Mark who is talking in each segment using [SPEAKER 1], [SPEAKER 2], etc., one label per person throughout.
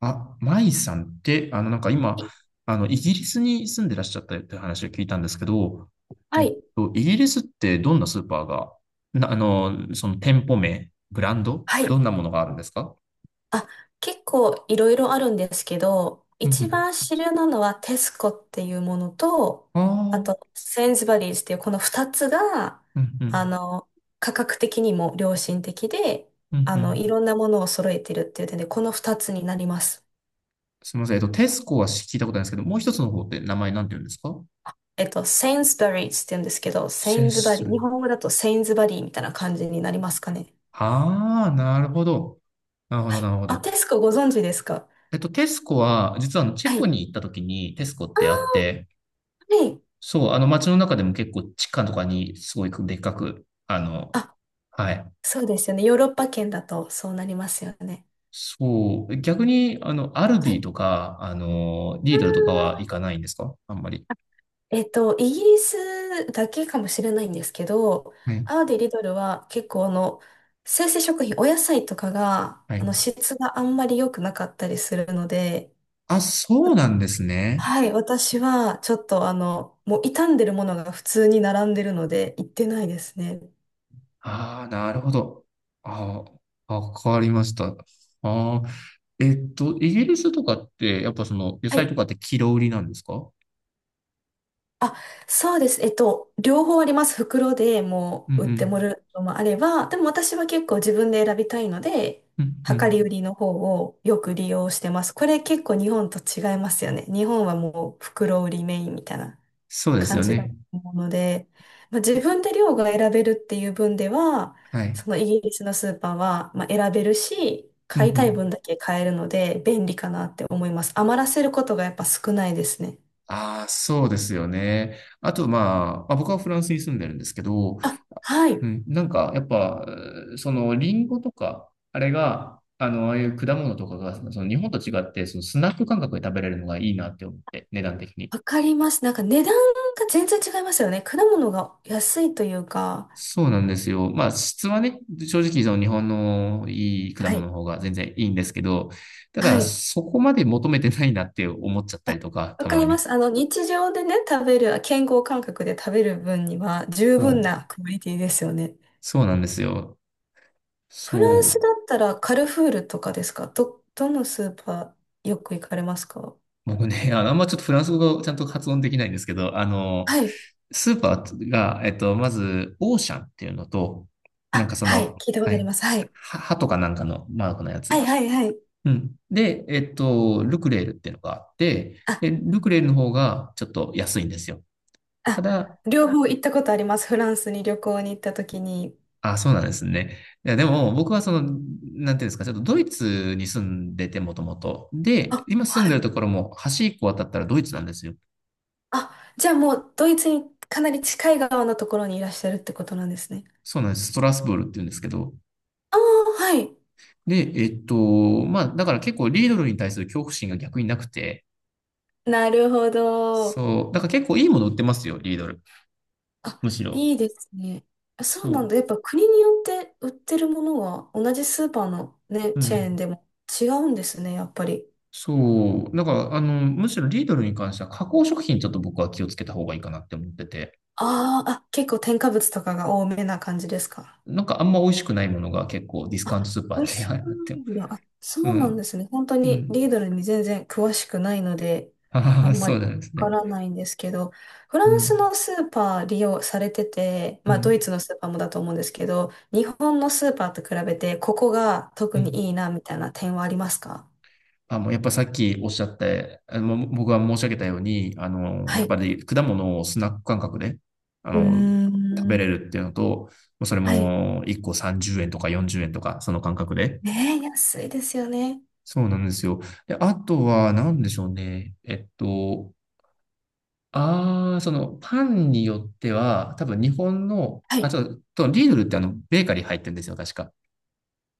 [SPEAKER 1] あ、マイさんって、なんか今、イギリスに住んでらっしゃったって話を聞いたんですけど、
[SPEAKER 2] は
[SPEAKER 1] えっ
[SPEAKER 2] い。
[SPEAKER 1] イギリスってどんなスーパーが、な、あの、その店舗名、ブランド、
[SPEAKER 2] は
[SPEAKER 1] ど
[SPEAKER 2] い。
[SPEAKER 1] んなものがあるんですか？
[SPEAKER 2] あ、結構いろいろあるんですけど、
[SPEAKER 1] う
[SPEAKER 2] 一
[SPEAKER 1] ん
[SPEAKER 2] 番主流なのはテスコっていうものと、
[SPEAKER 1] うん。あ
[SPEAKER 2] あ
[SPEAKER 1] あ、
[SPEAKER 2] と、センズバリーズっていうこの二つが、
[SPEAKER 1] うんうん、
[SPEAKER 2] あの、価格的にも良心的で、
[SPEAKER 1] うんう
[SPEAKER 2] い
[SPEAKER 1] ん。
[SPEAKER 2] ろんなものを揃えてるっていう点で、この二つになります。
[SPEAKER 1] すみません。テスコは聞いたことないんですけど、もう一つの方って名前なんて言うんですか？
[SPEAKER 2] センズバリーズって言うんですけど、セイ
[SPEAKER 1] セ
[SPEAKER 2] ンズバリ
[SPEAKER 1] ス。
[SPEAKER 2] ー、日本語だとセインズバリーみたいな感じになりますかね。
[SPEAKER 1] ああ、なるほど。なるほど、
[SPEAKER 2] は
[SPEAKER 1] な
[SPEAKER 2] い。
[SPEAKER 1] るほ
[SPEAKER 2] あ、
[SPEAKER 1] ど。
[SPEAKER 2] テスコご存知ですか？
[SPEAKER 1] テスコは、実はチ
[SPEAKER 2] は
[SPEAKER 1] ェコ
[SPEAKER 2] い。
[SPEAKER 1] に行った時にテスコってあって、
[SPEAKER 2] はい。
[SPEAKER 1] そう、あの街の中でも結構地下とかにすごいでっかく、
[SPEAKER 2] あ、
[SPEAKER 1] はい。
[SPEAKER 2] そうですよね。ヨーロッパ圏だとそうなりますよね。
[SPEAKER 1] そう、逆に、アルデ
[SPEAKER 2] は
[SPEAKER 1] ィ
[SPEAKER 2] い。
[SPEAKER 1] とか、
[SPEAKER 2] あ
[SPEAKER 1] リードルとかは行か
[SPEAKER 2] ー
[SPEAKER 1] ないんですか、あんまり？
[SPEAKER 2] イギリスだけかもしれないんですけど、
[SPEAKER 1] はい。
[SPEAKER 2] アーディ・リドルは結構生鮮食品、お野菜とかが、
[SPEAKER 1] はい。
[SPEAKER 2] 質があんまり良くなかったりするので、
[SPEAKER 1] あ、そうなんですね。
[SPEAKER 2] はい、私はちょっともう傷んでるものが普通に並んでるので、行ってないですね。
[SPEAKER 1] ああ、なるほど。ああ、わかりました。ああ、イギリスとかって、やっぱ野
[SPEAKER 2] は
[SPEAKER 1] 菜
[SPEAKER 2] い。
[SPEAKER 1] とかってキロ売りなんですか？
[SPEAKER 2] あ、そうです。両方あります。袋で
[SPEAKER 1] う
[SPEAKER 2] も
[SPEAKER 1] んう
[SPEAKER 2] う売っても
[SPEAKER 1] ん。
[SPEAKER 2] らうのもあれば、でも私は結構自分で選びたいので、
[SPEAKER 1] うんう
[SPEAKER 2] 量
[SPEAKER 1] ん。
[SPEAKER 2] り売りの方をよく利用してます。これ結構日本と違いますよね。日本はもう袋売りメインみたいな
[SPEAKER 1] そうです
[SPEAKER 2] 感
[SPEAKER 1] よ
[SPEAKER 2] じだ
[SPEAKER 1] ね。
[SPEAKER 2] と思うので、まあ、自分で量が選べるっていう分では、
[SPEAKER 1] はい。
[SPEAKER 2] そのイギリスのスーパーは、まあ、選べるし、
[SPEAKER 1] うんう
[SPEAKER 2] 買いたい分
[SPEAKER 1] ん。
[SPEAKER 2] だけ買えるので便利かなって思います。余らせることがやっぱ少ないですね。
[SPEAKER 1] ああ、そうですよね。あと、まあ僕はフランスに住んでるんですけど、
[SPEAKER 2] あ、は
[SPEAKER 1] う
[SPEAKER 2] い。
[SPEAKER 1] ん、なんか、やっぱ、リンゴとか、あれが、ああいう果物とかが、日本と違って、スナック感覚で食べれるのがいいなって思って、値段的に。
[SPEAKER 2] わかります。なんか値段が全然違いますよね。果物が安いというか。
[SPEAKER 1] そうなんですよ。まあ、質はね、正直、日本のいい果
[SPEAKER 2] は
[SPEAKER 1] 物
[SPEAKER 2] い。
[SPEAKER 1] の方が全然いいんですけど、た
[SPEAKER 2] は
[SPEAKER 1] だ、
[SPEAKER 2] い。
[SPEAKER 1] そこまで求めてないなって思っちゃったりとか、
[SPEAKER 2] わ
[SPEAKER 1] た
[SPEAKER 2] か
[SPEAKER 1] ま
[SPEAKER 2] りま
[SPEAKER 1] に。
[SPEAKER 2] す。日常でね、食べる、健康感覚で食べる分には十
[SPEAKER 1] そ
[SPEAKER 2] 分
[SPEAKER 1] う。
[SPEAKER 2] なクオリティですよね。
[SPEAKER 1] そうなんですよ。
[SPEAKER 2] フランス
[SPEAKER 1] そう。
[SPEAKER 2] だったらカルフールとかですかど、どのスーパーよく行かれますか？
[SPEAKER 1] 僕ね、あんまちょっとフランス語がちゃんと発音できないんですけど、
[SPEAKER 2] はい。
[SPEAKER 1] スーパーが、まず、オーシャンっていうのと、なん
[SPEAKER 2] あ、
[SPEAKER 1] か
[SPEAKER 2] はい。聞いたこ
[SPEAKER 1] は
[SPEAKER 2] とあり
[SPEAKER 1] い、
[SPEAKER 2] ます。はい。
[SPEAKER 1] 歯とかなんかのマークのや
[SPEAKER 2] は
[SPEAKER 1] つ。
[SPEAKER 2] い、はい、はい。
[SPEAKER 1] うん。で、ルクレールっていうのがあって、
[SPEAKER 2] あ、
[SPEAKER 1] で、ルクレールの方がちょっと安いんですよ。た
[SPEAKER 2] あ、
[SPEAKER 1] だ、
[SPEAKER 2] 両方行ったことあります。フランスに旅行に行った時に。
[SPEAKER 1] あ、そうなんですね。いや、でも、僕はなんていうんですか、ちょっとドイツに住んでて、もともと。で、
[SPEAKER 2] あ、
[SPEAKER 1] 今住ん
[SPEAKER 2] は
[SPEAKER 1] でる
[SPEAKER 2] い。
[SPEAKER 1] ところも、橋一個渡ったらドイツなんですよ。
[SPEAKER 2] あ、じゃあもうドイツにかなり近い側のところにいらっしゃるってことなんですね。
[SPEAKER 1] そうなんです。ストラスブールって言うんですけど、
[SPEAKER 2] ああ、はい。
[SPEAKER 1] で、まあ、だから結構リードルに対する恐怖心が逆になくて、
[SPEAKER 2] なるほど。
[SPEAKER 1] そう、だから結構いいもの売ってますよ、リードル。
[SPEAKER 2] あ、
[SPEAKER 1] むしろ。
[SPEAKER 2] いいですね。あ、そ
[SPEAKER 1] そ
[SPEAKER 2] うなんだ。やっぱ国によって売ってるものは同じスーパーのね、
[SPEAKER 1] う。う
[SPEAKER 2] チェーン
[SPEAKER 1] ん。
[SPEAKER 2] でも違うんですね、やっぱり。
[SPEAKER 1] そう。だから、むしろリードルに関しては加工食品ちょっと僕は気をつけた方がいいかなって思ってて、
[SPEAKER 2] あーあ、結構添加物とかが多めな感じですか？
[SPEAKER 1] なんかあんま美味しくないものが結構ディスカウント
[SPEAKER 2] あ、
[SPEAKER 1] スーパー
[SPEAKER 2] 美
[SPEAKER 1] っ
[SPEAKER 2] 味
[SPEAKER 1] て あ
[SPEAKER 2] し
[SPEAKER 1] れ
[SPEAKER 2] く
[SPEAKER 1] に
[SPEAKER 2] な
[SPEAKER 1] なって、
[SPEAKER 2] いんだ。あ、
[SPEAKER 1] う
[SPEAKER 2] そうなん
[SPEAKER 1] ん。
[SPEAKER 2] ですね。本当
[SPEAKER 1] う
[SPEAKER 2] に
[SPEAKER 1] ん。
[SPEAKER 2] リードルに全然詳しくないので、
[SPEAKER 1] あ
[SPEAKER 2] あ
[SPEAKER 1] あ、
[SPEAKER 2] んま
[SPEAKER 1] そ
[SPEAKER 2] り
[SPEAKER 1] うなんです
[SPEAKER 2] わ
[SPEAKER 1] ね。
[SPEAKER 2] からないんですけど、フラ
[SPEAKER 1] う
[SPEAKER 2] ンス
[SPEAKER 1] ん。
[SPEAKER 2] のスーパー利用されてて、
[SPEAKER 1] う
[SPEAKER 2] まあド
[SPEAKER 1] ん。
[SPEAKER 2] イツのスーパーもだと思うんですけど、日本のスーパーと比べて、ここが特
[SPEAKER 1] う
[SPEAKER 2] に
[SPEAKER 1] ん。
[SPEAKER 2] いいなみたいな点はありますか？
[SPEAKER 1] あ、もうやっぱさっきおっしゃって、僕が申し上げたように、や
[SPEAKER 2] は
[SPEAKER 1] っ
[SPEAKER 2] い。
[SPEAKER 1] ぱり果物をスナック感覚で、あ
[SPEAKER 2] う
[SPEAKER 1] の、
[SPEAKER 2] ー
[SPEAKER 1] 食べれ
[SPEAKER 2] ん。
[SPEAKER 1] るっていうのと、もうそれ
[SPEAKER 2] はい。
[SPEAKER 1] も1個30円とか40円とか、その感覚で。
[SPEAKER 2] ねえ、安いですよね。
[SPEAKER 1] そうなんですよ。で、あとは何でしょうね。ああ、そのパンによっては、多分日本の、
[SPEAKER 2] は
[SPEAKER 1] あ、
[SPEAKER 2] い。
[SPEAKER 1] ちょっと、リードルってベーカリー入ってるんですよ、確か。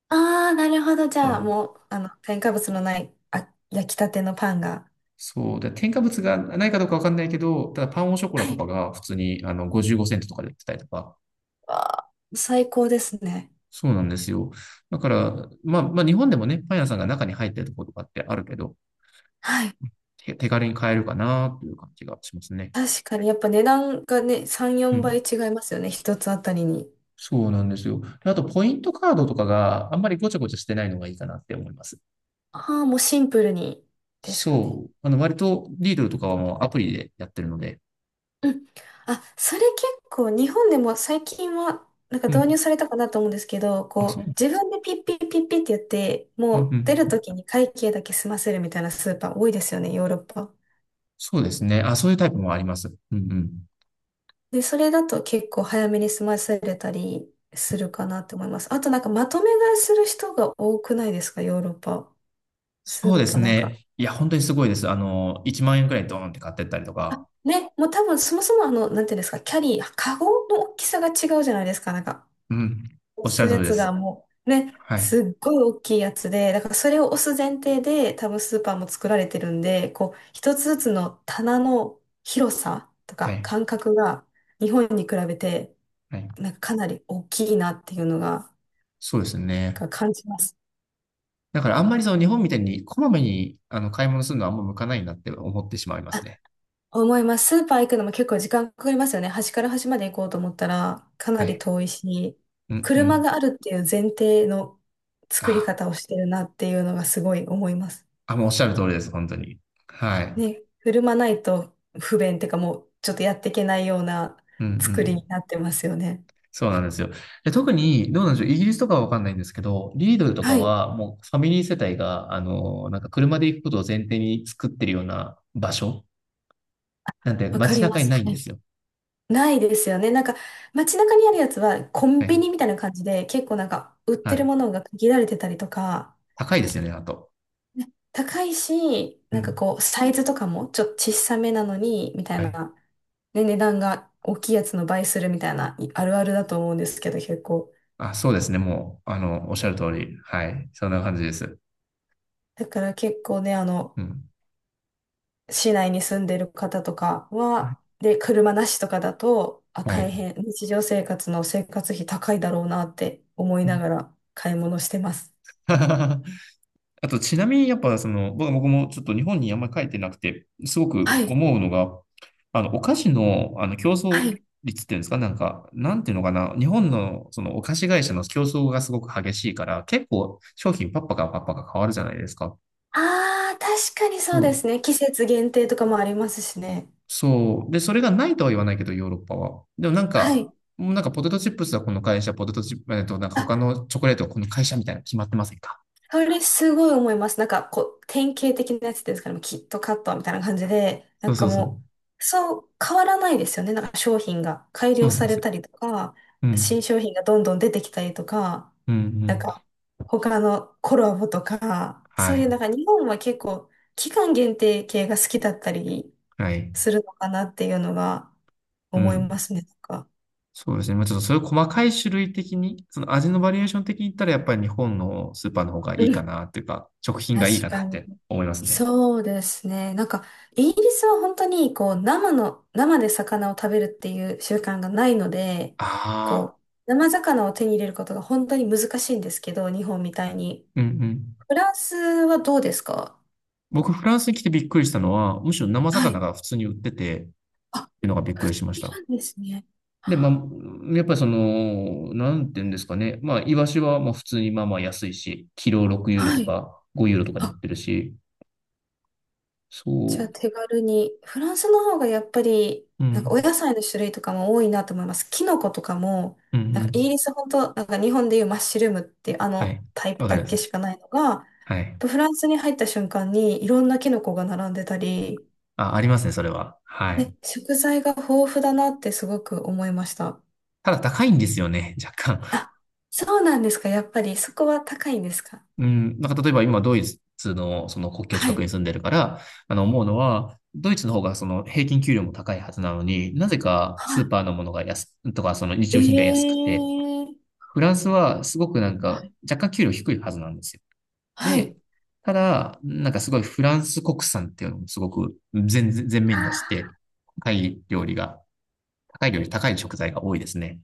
[SPEAKER 2] ああ、なるほど。じゃあ、もう、添加物のない、あ、焼きたてのパンが。
[SPEAKER 1] そう。で、添加物がないかどうかわかんないけど、ただパンオショコラ
[SPEAKER 2] は
[SPEAKER 1] と
[SPEAKER 2] い。
[SPEAKER 1] かが普通に55セントとかで売ってたりとか。
[SPEAKER 2] わあ、最高ですね。
[SPEAKER 1] そうなんですよ。だから、まあ日本でもね、パン屋さんが中に入ってるところとかってあるけど、
[SPEAKER 2] はい。
[SPEAKER 1] 手軽に買えるかなという感じがしますね。
[SPEAKER 2] 確かに、やっぱ値段がね、3、
[SPEAKER 1] う
[SPEAKER 2] 4
[SPEAKER 1] ん。
[SPEAKER 2] 倍違いますよね。一つあたりに。
[SPEAKER 1] そうなんですよ。であと、ポイントカードとかがあんまりごちゃごちゃしてないのがいいかなって思います。
[SPEAKER 2] ああ、もうシンプルにですかね。
[SPEAKER 1] そう。割と、リードルとかはもうアプリでやってるので。
[SPEAKER 2] うん。あ、それ結構、日本でも最近は、なんか
[SPEAKER 1] う
[SPEAKER 2] 導
[SPEAKER 1] ん。
[SPEAKER 2] 入されたかなと思うんですけど、
[SPEAKER 1] あ、
[SPEAKER 2] こ
[SPEAKER 1] そ
[SPEAKER 2] う、
[SPEAKER 1] うなんで
[SPEAKER 2] 自
[SPEAKER 1] す。
[SPEAKER 2] 分でピッピッピッピッってやって、
[SPEAKER 1] うん
[SPEAKER 2] も
[SPEAKER 1] う
[SPEAKER 2] う出
[SPEAKER 1] ん。
[SPEAKER 2] るときに会計だけ済ませるみたいなスーパー多いですよね、ヨーロッパ。
[SPEAKER 1] そうですね。あ、そういうタイプもあります。うんうん。
[SPEAKER 2] で、それだと結構早めに済ませれたりするかなって思います。あとなんかまとめ買いする人が多くないですか、ヨーロッパ？ス
[SPEAKER 1] そうで
[SPEAKER 2] ー
[SPEAKER 1] す
[SPEAKER 2] パーなんか、
[SPEAKER 1] ね。いや、本当にすごいです。1万円くらいドーンって買ってったりとか。
[SPEAKER 2] ね、もう多分そもそもなんていうんですか、キャリー、カゴの大きさが違うじゃないですか、なんか、
[SPEAKER 1] うん。
[SPEAKER 2] 押
[SPEAKER 1] おっしゃ
[SPEAKER 2] す
[SPEAKER 1] る通
[SPEAKER 2] や
[SPEAKER 1] りで
[SPEAKER 2] つ
[SPEAKER 1] す。
[SPEAKER 2] がもう、ね、
[SPEAKER 1] はい。
[SPEAKER 2] すっごい大きいやつで、だからそれを押す前提で、多分スーパーも作られてるんで、こう、一つずつの棚の広さと
[SPEAKER 1] は
[SPEAKER 2] か
[SPEAKER 1] い。
[SPEAKER 2] 間隔が、日本に比べて、
[SPEAKER 1] はい。
[SPEAKER 2] なんかかなり大きいなっていうのが、
[SPEAKER 1] そうです
[SPEAKER 2] な
[SPEAKER 1] ね。
[SPEAKER 2] んか感じます。
[SPEAKER 1] だからあんまりその日本みたいにこまめに買い物するのはあんま向かないなって思ってしまいますね。
[SPEAKER 2] 思います。スーパー行くのも結構時間かかりますよね。端から端まで行こうと思ったらかな
[SPEAKER 1] は
[SPEAKER 2] り
[SPEAKER 1] い。
[SPEAKER 2] 遠いし、
[SPEAKER 1] うんう
[SPEAKER 2] 車
[SPEAKER 1] ん。
[SPEAKER 2] があるっていう前提の作り
[SPEAKER 1] あ、
[SPEAKER 2] 方をしてるなっていうのがすごい思います。
[SPEAKER 1] あ、もうおっしゃる通りです。本当に。はい。
[SPEAKER 2] ね、車ないと不便っていうかもうちょっとやっていけないような
[SPEAKER 1] うんう
[SPEAKER 2] 作
[SPEAKER 1] ん。
[SPEAKER 2] りになってますよね。
[SPEAKER 1] そうなんですよ。で、特に、どうなんでしょう。イギリスとかはわかんないんですけど、リードルとか
[SPEAKER 2] はい、
[SPEAKER 1] はもうファミリー世帯が、なんか車で行くことを前提に作ってるような場所なんで
[SPEAKER 2] わか
[SPEAKER 1] 街
[SPEAKER 2] りま
[SPEAKER 1] 中に
[SPEAKER 2] す。
[SPEAKER 1] ないん
[SPEAKER 2] は
[SPEAKER 1] で
[SPEAKER 2] い。
[SPEAKER 1] すよ。
[SPEAKER 2] ないですよね。なんか街中にあるやつはコンビ
[SPEAKER 1] ね。
[SPEAKER 2] ニみたいな感じで結構なんか売っ
[SPEAKER 1] は
[SPEAKER 2] てる
[SPEAKER 1] い。
[SPEAKER 2] ものが限られてたりとか、
[SPEAKER 1] 高いですよね、あと。
[SPEAKER 2] 高いし、
[SPEAKER 1] う
[SPEAKER 2] なんか
[SPEAKER 1] ん。
[SPEAKER 2] こう、サイズとかもちょっと小さめなのに、みたい
[SPEAKER 1] はい。
[SPEAKER 2] な、ね、値段が大きいやつの倍するみたいな、いあるあるだと思うんですけど、結構。
[SPEAKER 1] あ、そうですね。もう、おっしゃる通り。はい。そんな感じです。
[SPEAKER 2] だから結構ね、
[SPEAKER 1] うん。
[SPEAKER 2] 市内に住んでる方とか
[SPEAKER 1] はい。
[SPEAKER 2] は、で、車なしとかだと、あ、
[SPEAKER 1] は
[SPEAKER 2] 大
[SPEAKER 1] い。
[SPEAKER 2] 変、日常生活の生活費高いだろうなって思い
[SPEAKER 1] う
[SPEAKER 2] な
[SPEAKER 1] ん。
[SPEAKER 2] がら買い物してます。
[SPEAKER 1] あと、ちなみに、やっぱ、僕もちょっと日本にあんまり帰ってなくて、すご
[SPEAKER 2] は
[SPEAKER 1] く
[SPEAKER 2] い、
[SPEAKER 1] 思うのが、お菓子の、競
[SPEAKER 2] は
[SPEAKER 1] 争
[SPEAKER 2] い。
[SPEAKER 1] 率っていうんですか、なんか、なんていうのかな、日本の、お菓子会社の競争がすごく激しいから、結構、商品パッパカパッパカ変わるじゃないですか。
[SPEAKER 2] ああ、確かにそう
[SPEAKER 1] そ
[SPEAKER 2] です
[SPEAKER 1] う
[SPEAKER 2] ね。季節限定とかもありますしね。
[SPEAKER 1] そう。で、それがないとは言わないけど、ヨーロッパは。でもなん
[SPEAKER 2] は
[SPEAKER 1] か、
[SPEAKER 2] い。
[SPEAKER 1] もうなんかポテトチップスはこの会社、ポテトチップ、えっと、なんか
[SPEAKER 2] あ、
[SPEAKER 1] 他のチョコレートはこの会社みたいなの決まってませんか？
[SPEAKER 2] それすごい思います。なんか、こう、典型的なやつですから、もうキットカットみたいな感じで、な
[SPEAKER 1] そ
[SPEAKER 2] ん
[SPEAKER 1] うそ
[SPEAKER 2] か
[SPEAKER 1] うそう。
[SPEAKER 2] もう、そう変わらないですよね。なんか商品が改
[SPEAKER 1] そう
[SPEAKER 2] 良
[SPEAKER 1] なん
[SPEAKER 2] さ
[SPEAKER 1] で
[SPEAKER 2] れ
[SPEAKER 1] すよ。
[SPEAKER 2] たりとか、
[SPEAKER 1] うん。
[SPEAKER 2] 新商品がどんどん出てきたりとか、
[SPEAKER 1] うん、う
[SPEAKER 2] なん
[SPEAKER 1] ん。
[SPEAKER 2] か、他のコラボとか、
[SPEAKER 1] は
[SPEAKER 2] そういう
[SPEAKER 1] い。
[SPEAKER 2] なんか日本は結構、期間限定系が好きだったり
[SPEAKER 1] はい。
[SPEAKER 2] するのかなっていうのが
[SPEAKER 1] う
[SPEAKER 2] 思いま
[SPEAKER 1] ん。
[SPEAKER 2] すね。なんか。
[SPEAKER 1] そうですね。まあちょっとそういう細かい種類的に、その味のバリエーション的に言ったら、やっぱり日本のスーパーの方がいいかなっていうか、食品がいい
[SPEAKER 2] 確
[SPEAKER 1] か
[SPEAKER 2] か
[SPEAKER 1] なっ
[SPEAKER 2] に。
[SPEAKER 1] て思いますね。
[SPEAKER 2] そうですね。なんか、イギリスは本当に、こう、生の、生で魚を食べるっていう習慣がないので、
[SPEAKER 1] あ
[SPEAKER 2] こ
[SPEAKER 1] あ。
[SPEAKER 2] う、生魚を手に入れることが本当に難しいんですけど、日本みたいに。
[SPEAKER 1] うんうん。
[SPEAKER 2] フランスはどうですか？
[SPEAKER 1] 僕、フランスに来てびっくりしたのは、むしろ生
[SPEAKER 2] は
[SPEAKER 1] 魚
[SPEAKER 2] い。
[SPEAKER 1] が普通に売ってて、って
[SPEAKER 2] あ、
[SPEAKER 1] いうのがびっ
[SPEAKER 2] 売
[SPEAKER 1] く
[SPEAKER 2] っ
[SPEAKER 1] りしまし
[SPEAKER 2] て
[SPEAKER 1] た。
[SPEAKER 2] るんですね。
[SPEAKER 1] で、まあ、やっぱりなんていうんですかね。まあ、イワシはまあ普通にまあまあ安いし、キロ6ユーロ
[SPEAKER 2] は
[SPEAKER 1] と
[SPEAKER 2] い。
[SPEAKER 1] か5ユーロとかで売っ
[SPEAKER 2] あ、
[SPEAKER 1] てるし、
[SPEAKER 2] じゃあ
[SPEAKER 1] そ
[SPEAKER 2] 手軽に。フランスの方がやっぱり、
[SPEAKER 1] う、う
[SPEAKER 2] なんかお
[SPEAKER 1] ん、
[SPEAKER 2] 野菜の種類とかも多いなと思います。キノコとかも、
[SPEAKER 1] うん、う
[SPEAKER 2] なんかイ
[SPEAKER 1] ん。
[SPEAKER 2] ギリス本当、なんか日本でいうマッシュルームっていうあ
[SPEAKER 1] はい。
[SPEAKER 2] のタイプ
[SPEAKER 1] わか
[SPEAKER 2] だ
[SPEAKER 1] りま
[SPEAKER 2] け
[SPEAKER 1] す。
[SPEAKER 2] しかないのが、
[SPEAKER 1] はい。
[SPEAKER 2] フランスに入った瞬間にいろんなキノコが並んでたり、
[SPEAKER 1] あ、ありますね、それは。はい。
[SPEAKER 2] ね、食材が豊富だなってすごく思いました。
[SPEAKER 1] ただ高いんですよね、若干。
[SPEAKER 2] あ、そうなんですか？やっぱりそこは高いんですか？
[SPEAKER 1] うん。なんか例えば今、ドイツのその国境
[SPEAKER 2] は
[SPEAKER 1] 近く
[SPEAKER 2] い。
[SPEAKER 1] に住んでるから、思うのは、ドイツの方がその平均給料も高いはずなのに、なぜか
[SPEAKER 2] は
[SPEAKER 1] スーパーのものがとかその日用品
[SPEAKER 2] い。え
[SPEAKER 1] が安くて、
[SPEAKER 2] えー。
[SPEAKER 1] フランスはすごくなん
[SPEAKER 2] は
[SPEAKER 1] か
[SPEAKER 2] い。
[SPEAKER 1] 若干給料低いはずなんですよ。
[SPEAKER 2] はい。
[SPEAKER 1] で、ただ、なんかすごいフランス国産っていうのもすごく全面に出して、高い料理が、高い料理、高い食材が多いですね。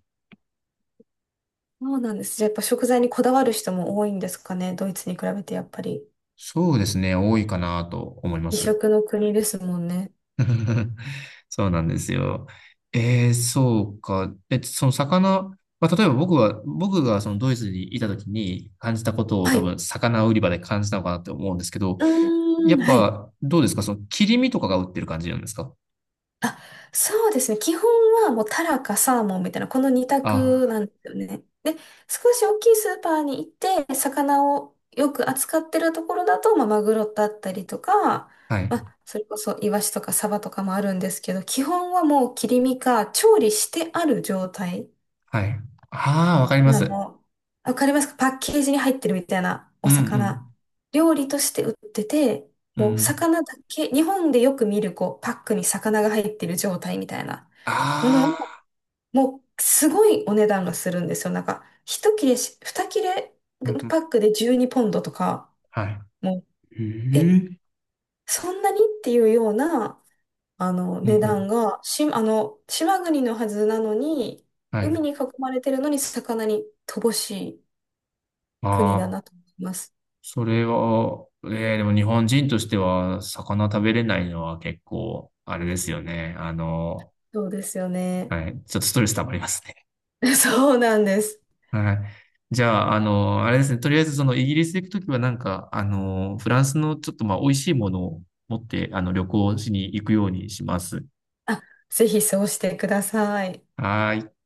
[SPEAKER 2] そうなんです。じゃあやっぱ食材にこだわる人も多いんですかね。ドイツに比べてやっぱり。
[SPEAKER 1] そうですね、多いかなと思いま
[SPEAKER 2] 美
[SPEAKER 1] す。
[SPEAKER 2] 食の国ですもんね。
[SPEAKER 1] そうなんですよ。えー、そうか。え、その魚、まあ、例えば僕がそのドイツにいた時に感じたことを
[SPEAKER 2] は
[SPEAKER 1] 多
[SPEAKER 2] い。う
[SPEAKER 1] 分魚売り場で感じたのかなって思うんですけど、
[SPEAKER 2] ー
[SPEAKER 1] や
[SPEAKER 2] ん、
[SPEAKER 1] っ
[SPEAKER 2] はい。
[SPEAKER 1] ぱ、どうですか切り身とかが売ってる感じなんですか？
[SPEAKER 2] あ、そうですね。基本はもうタラかサーモンみたいな、この二択
[SPEAKER 1] あ、
[SPEAKER 2] なんですよね。で、少し大きいスーパーに行って、魚をよく扱ってるところだと、まあ、マグロだったりとか、
[SPEAKER 1] はい、
[SPEAKER 2] まあ、それこそイワシとかサバとかもあるんですけど、基本はもう切り身か調理してある状態。
[SPEAKER 1] はい。ああ、わかりま
[SPEAKER 2] あ
[SPEAKER 1] す。
[SPEAKER 2] の、わかりますか？パッケージに入ってるみたいな
[SPEAKER 1] う
[SPEAKER 2] お魚。
[SPEAKER 1] ん、
[SPEAKER 2] 料理として売ってて、
[SPEAKER 1] うん、う
[SPEAKER 2] もう
[SPEAKER 1] ん。
[SPEAKER 2] 魚だけ、日本でよく見るこうパックに魚が入ってる状態みたいなもの
[SPEAKER 1] あ
[SPEAKER 2] を、
[SPEAKER 1] あ、
[SPEAKER 2] もうすごいお値段がするんですよ。なんか、一切れし、二切れ
[SPEAKER 1] うん、うん、
[SPEAKER 2] パックで12ポンドとか、
[SPEAKER 1] は
[SPEAKER 2] もう、
[SPEAKER 1] い。え
[SPEAKER 2] え、
[SPEAKER 1] え、
[SPEAKER 2] そんなにっていうような、
[SPEAKER 1] うん、う
[SPEAKER 2] 値段
[SPEAKER 1] ん、
[SPEAKER 2] が、し、島国のはずなのに、
[SPEAKER 1] はい。あ
[SPEAKER 2] 海に囲まれてるのに魚に乏しい。国だ
[SPEAKER 1] あ、
[SPEAKER 2] なと思います。
[SPEAKER 1] それは、ええでも日本人としては、魚食べれないのは結構、あれですよね。
[SPEAKER 2] そうですよね。
[SPEAKER 1] はい、ちょっとストレス溜まりますね。
[SPEAKER 2] そうなんです。
[SPEAKER 1] はい。じゃあ、あれですね。とりあえず、イギリス行くときは、なんか、フランスのちょっと、まあ、美味しいものを持って、旅行しに行くようにします。
[SPEAKER 2] あ、ぜひそうしてください。
[SPEAKER 1] はーい。